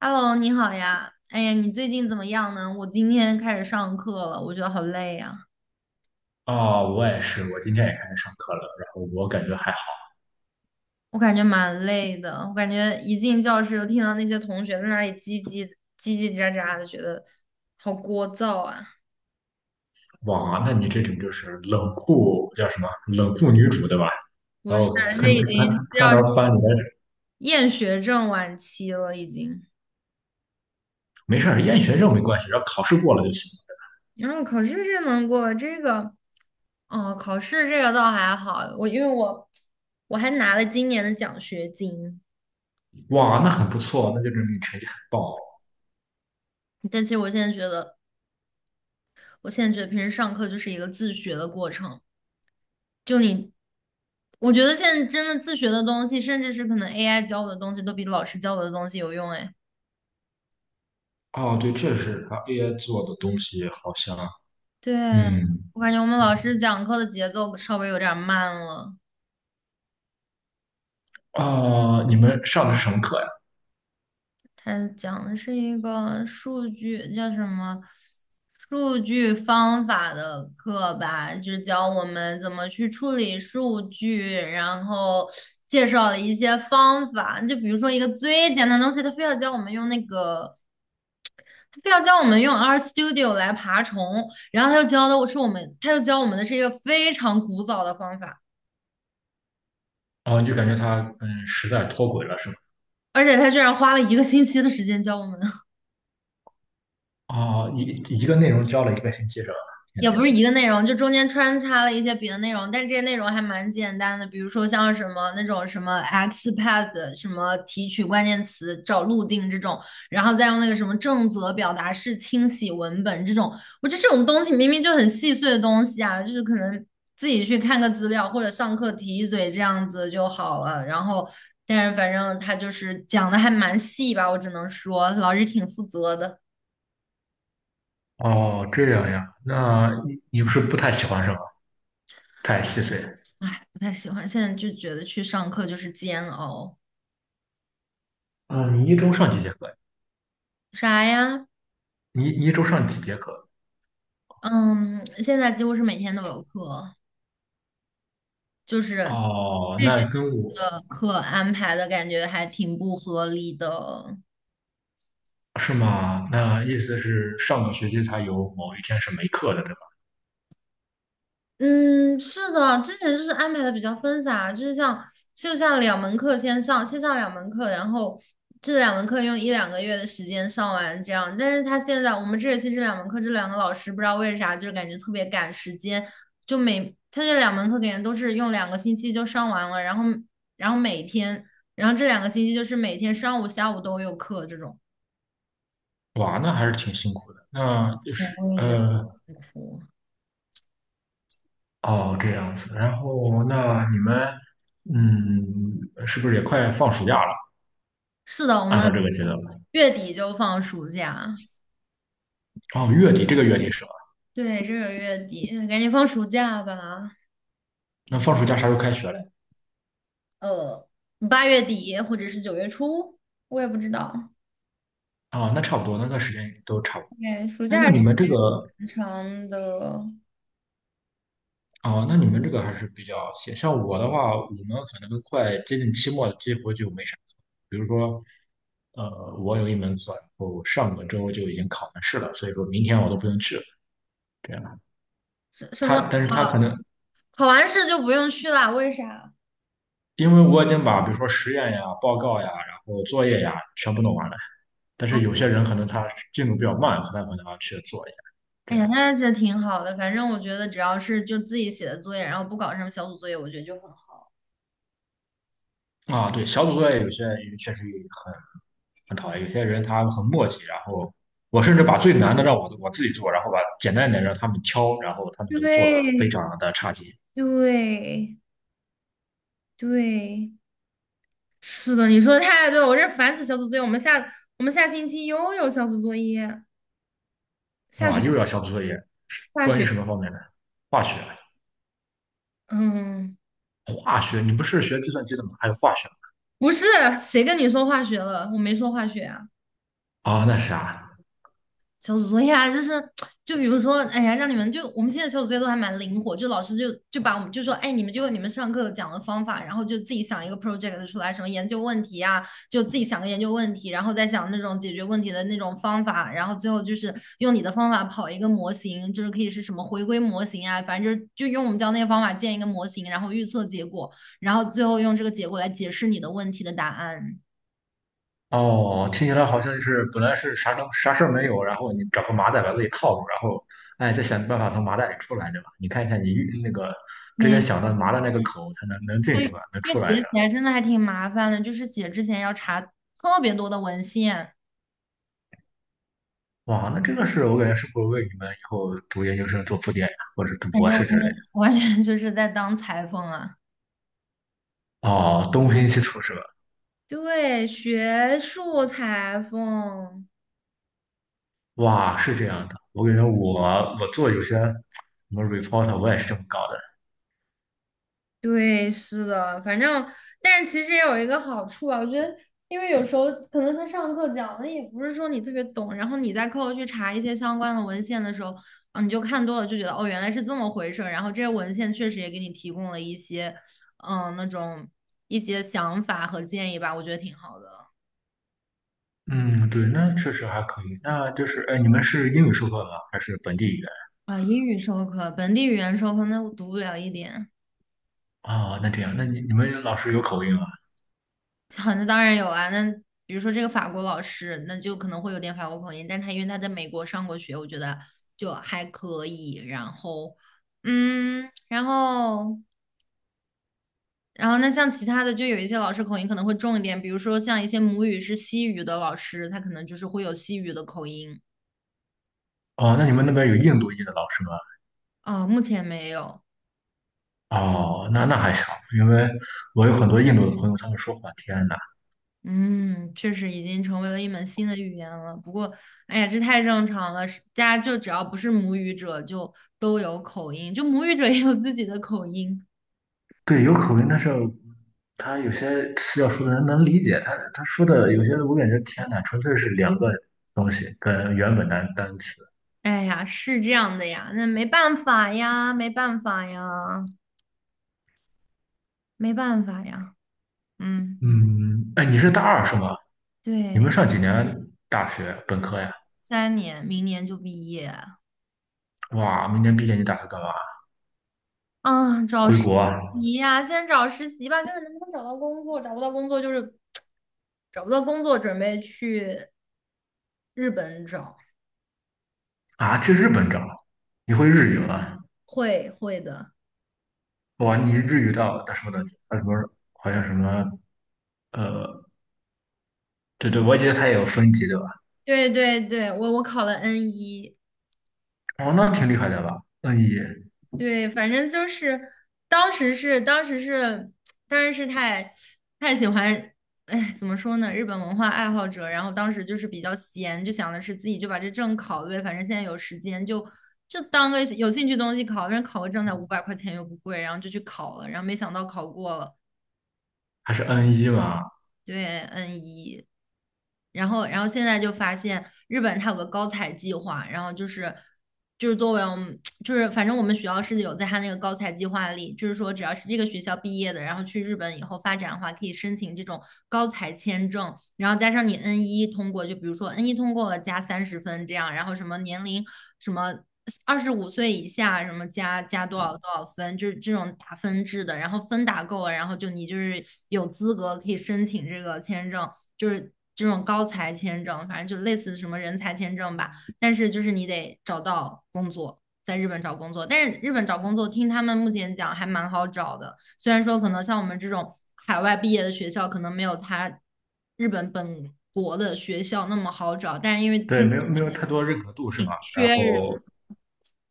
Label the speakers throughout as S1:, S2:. S1: Hello，你好呀。哎呀，你最近怎么样呢？我今天开始上课了，我觉得好累呀，
S2: 啊，我也是，我今天也开始上课了，然后我感觉还好。
S1: 我感觉蛮累的。我感觉一进教室就听到那些同学在那里叽叽叽叽喳喳的，觉得好聒噪啊。
S2: 哇，那你这种就是冷酷叫什么？冷酷女主对吧？
S1: 不
S2: 然
S1: 是，
S2: 后看
S1: 是已
S2: 看
S1: 经要
S2: 看到班里面。
S1: 厌学症晚期了，已经。
S2: 没事儿，厌学生没关系，只要考试过了就行。
S1: 然后考试这能过，哦，考试这个倒还好，我因为我还拿了今年的奖学金，
S2: 哇，那很不错，那就证明你成绩很棒。
S1: 但其实我现在觉得。我现在觉得平时上课就是一个自学的过程，就你，我觉得现在真的自学的东西，甚至是可能 AI 教我的东西，都比老师教我的东西有用。哎，
S2: 哦。哦，对，这是他 AI 做的东西，好像
S1: 对，
S2: 嗯。
S1: 我感觉我们老师讲课的节奏稍微有点慢了。
S2: 啊、你们上的是什么课呀？
S1: 它讲的是一个数据叫什么数据方法的课吧，就教我们怎么去处理数据，然后介绍了一些方法。就比如说一个最简单的东西，他非要教我们用那个，他非要教我们用 RStudio 来爬虫，然后他又教的是我们，他又教我们的是一个非常古早的方法，
S2: 哦，你就感觉他跟时代脱轨了是吗？
S1: 而且他居然花了一个星期的时间教我们。
S2: 啊，一个内容教了一个星期是吧？天
S1: 也
S2: 呐！
S1: 不是一个内容，就中间穿插了一些别的内容，但是这些内容还蛮简单的，比如说像什么那种什么 XPath，什么提取关键词找路径这种，然后再用那个什么正则表达式清洗文本这种，我觉得这种东西明明就很细碎的东西啊，就是可能自己去看个资料或者上课提一嘴这样子就好了。然后，但是反正他就是讲的还蛮细吧，我只能说老师挺负责的。
S2: 哦，这样呀，那你不是不太喜欢是吗？太细碎。
S1: 哎，不太喜欢。现在就觉得去上课就是煎熬。
S2: 嗯，你一周上几节课
S1: 啥呀？
S2: 你一周上几节课？
S1: 嗯，现在几乎是每天都有课，就是
S2: 哦，
S1: 这学
S2: 那跟
S1: 期
S2: 我
S1: 的课安排的感觉还挺不合理的。
S2: 是吗？那意思是上个学期他有某一天是没课的，对吧？
S1: 嗯，是的，之前就是安排的比较分散啊，就是像两门课先上两门课，然后这两门课用一两个月的时间上完这样。但是他现在我们这学期这两门课，这两个老师不知道为啥，就是感觉特别赶时间，就每他这两门课感觉都是用两个星期就上完了，然后然后每天，然后这两个星期就是每天上午下午都有课这种。
S2: 哇，那还是挺辛苦的。那就
S1: 对，
S2: 是
S1: 我也觉得很苦。
S2: 哦，这样子。然后那你们，嗯，是不是也快放暑假了？
S1: 是的，我
S2: 按照
S1: 们
S2: 这个节奏来。
S1: 月底就放暑假。
S2: 哦，月底这个月底是吧？
S1: 对，这个月底赶紧放暑假吧，
S2: 那放暑假啥时候开学嘞？
S1: 呃8月底或者是9月初，我也不知道。
S2: 啊、那差不多，那个时间都差不多。
S1: 对，暑
S2: 哎，那
S1: 假时
S2: 你
S1: 间
S2: 们这个。
S1: 很长的，
S2: 哦，那你们这个还是比较闲。像我的话，我们可能都快接近期末了，这回就没啥课。比如说，呃，我有一门课，然后上个周就已经考完试了，所以说明天我都不用去了。这样，
S1: 什么
S2: 他，但是他
S1: 啊？
S2: 可能
S1: 考完试就不用去啦？为啥？
S2: 因为我已经把比如说实验呀、报告呀、然后作业呀全部弄完了，但
S1: 哦，
S2: 是有些人可能他进度比较慢，他可能要去做一下。
S1: 哎
S2: 这
S1: 呀，
S2: 样。
S1: 那这挺好的。反正我觉得只要是就自己写的作业，然后不搞什么小组作业，我觉得就很好。
S2: 啊，对，小组作业有些也确实很。很讨厌。有些人他很磨叽，然后我甚至把最难的让我自己做，然后把简单一点让他们挑，然后他们都做的非
S1: 对
S2: 常的差劲。
S1: 对对，是的，你说的太对了，我这烦死小组作业。我们下星期又有小组作业，下
S2: 啊！又
S1: 学
S2: 要小组作业，
S1: 下
S2: 关于
S1: 学。
S2: 什么方面的？化学，
S1: 嗯，
S2: 化学，你不是学计算机的吗？还有化学。
S1: 不是，谁跟你说化学了？我没说化学啊。
S2: 啊、那是啥？
S1: 小组作业啊，就是，就比如说，哎呀，让你们就我们现在小组作业都还蛮灵活，就老师就把我们就说，哎，你们上课讲的方法，然后就自己想一个 project 出来，什么研究问题啊，就自己想个研究问题，然后再想那种解决问题的那种方法，然后最后就是用你的方法跑一个模型，就是可以是什么回归模型啊，反正就是就用我们教那个方法建一个模型，然后预测结果，然后最后用这个结果来解释你的问题的答案。
S2: 哦，听起来好像就是本来是啥都啥事儿没有，然后你找个麻袋把自己套住，然后哎再想办法从麻袋里出来，对吧？你看一下你那个之
S1: 没，
S2: 前想的麻的那个口，它能进
S1: 错，
S2: 去吗？能
S1: 这个
S2: 出来？
S1: 写起来真的还挺麻烦的，就是写之前要查特别多的文献，
S2: 哇，那这个是我感觉是不是为你们以后读研究生做铺垫呀，或者读
S1: 感
S2: 博
S1: 觉完
S2: 士
S1: 全
S2: 之类
S1: 就是在当裁缝啊。
S2: 的？哦，东拼西凑是吧？
S1: 对，学术裁缝，
S2: 哇，是这样的，我感觉我做有些什么 report，我也是这么搞的。
S1: 对，是的，反正，但是其实也有一个好处啊，我觉得，因为有时候可能他上课讲的也不是说你特别懂，然后你在课后去查一些相关的文献的时候，啊，你就看多了，就觉得哦，原来是这么回事儿，然后这些文献确实也给你提供了一些，嗯，那种一些想法和建议吧，我觉得挺好的。
S2: 嗯，对，那确实还可以。那就是，哎，你们是英语授课吗？还是本地语言？
S1: 啊，英语授课，本地语言授课，那我读不了一点。
S2: 哦，那这样，那你们老师有口音啊？
S1: 好，那当然有啊。那比如说这个法国老师，那就可能会有点法国口音，但他因为他在美国上过学，我觉得就还可以。然后，嗯，然后，然后那像其他的，就有一些老师口音可能会重一点，比如说像一些母语是西语的老师，他可能就是会有西语的口音。
S2: 哦，那你们那边有印度裔的老师吗？
S1: 哦，目前没有。
S2: 哦，那那还行，因为我有很多印度的朋友，他们说话，天呐。
S1: 嗯，确实已经成为了一门新的语言了。不过，哎呀，这太正常了，是大家就只要不是母语者，就都有口音，就母语者也有自己的口音。
S2: 对，有口音，但是他有些词要说的人能理解，他说的有些我感觉天呐，纯粹是两个东西跟原本单词。
S1: 哎呀，是这样的呀，那没办法呀，没办法呀，没办法呀。嗯，
S2: 嗯，哎，你是大二是吗？你们
S1: 对，
S2: 上几年大学本科呀？
S1: 3年，明年就毕业
S2: 哇，明年毕业你打算干嘛？
S1: 啊，找
S2: 回
S1: 实
S2: 国啊？
S1: 习呀，先找实习吧，看看能不能找到工作，找不到工作就是找不到工作，准备去日本找，
S2: 啊，去日本找？你会日语吗？
S1: 会的。
S2: 哇，你日语到他说的他什么？好像什么呃，对对，我觉得他也有分级对吧？
S1: 对对对，我我考了 N 一，
S2: 哦，那挺厉害的吧？N 一。
S1: 对，反正就是当时是当时是当时是太喜欢，哎，怎么说呢，日本文化爱好者，然后当时就是比较闲，就想的是自己就把这证考了呗，反正现在有时间就就当个有兴趣东西考，反正考个证才500块钱又不贵，然后就去考了，然后没想到考过了，
S2: 还是 N 一嘛？
S1: 对，N 一。然后，然后现在就发现日本它有个高才计划，然后就是就是作为我们就是反正我们学校是有在它那个高才计划里，就是说只要是这个学校毕业的，然后去日本以后发展的话，可以申请这种高才签证，然后加上你 N 一通过，就比如说 N 一通过了加30分这样，然后什么年龄什么。25岁以下什么加多少多少分，就是这种打分制的，然后分打够了，然后就你就是有资格可以申请这个签证，就是这种高才签证，反正就类似什么人才签证吧。但是就是你得找到工作，在日本找工作，但是日本找工作听他们目前讲还蛮好找的，虽然说可能像我们这种海外毕业的学校可能没有他日本本国的学校那么好找，但是因为
S2: 对，
S1: 听
S2: 没有没有太多认可度是吧？
S1: 挺缺
S2: 然
S1: 人。
S2: 后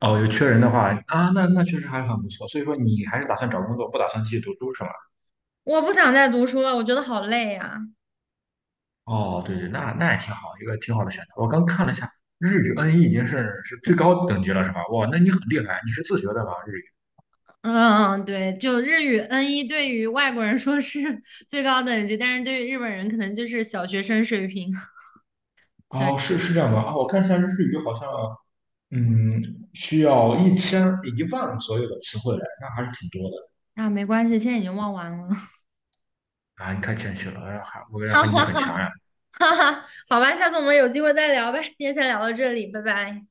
S2: 哦，有缺人的话啊，那那确实还很不错。所以说你还是打算找工作，不打算继续读书是吗？
S1: 我不想再读书了，我觉得好累呀、
S2: 哦，对对，那那也挺好，一个挺好的选择。我刚看了一下，日语 N1 已经是最高等级了是吧？哇，那你很厉害，你是自学的吧日语？
S1: 嗯嗯，对，就日语 n 一，对于外国人说是 最高等级，但是对于日本人可能就是小学生水平。小
S2: 哦，是是这样的啊，我看一下日语好像嗯需要1万左右的词汇来，那还是挺多
S1: 啊，没关系，现在已经忘完了。
S2: 的啊，你太谦虚了，还我感觉
S1: 哈
S2: 还你
S1: 哈
S2: 很强
S1: 哈
S2: 呀。
S1: 哈哈，好吧，下次我们有机会再聊呗。今天先聊到这里，拜拜。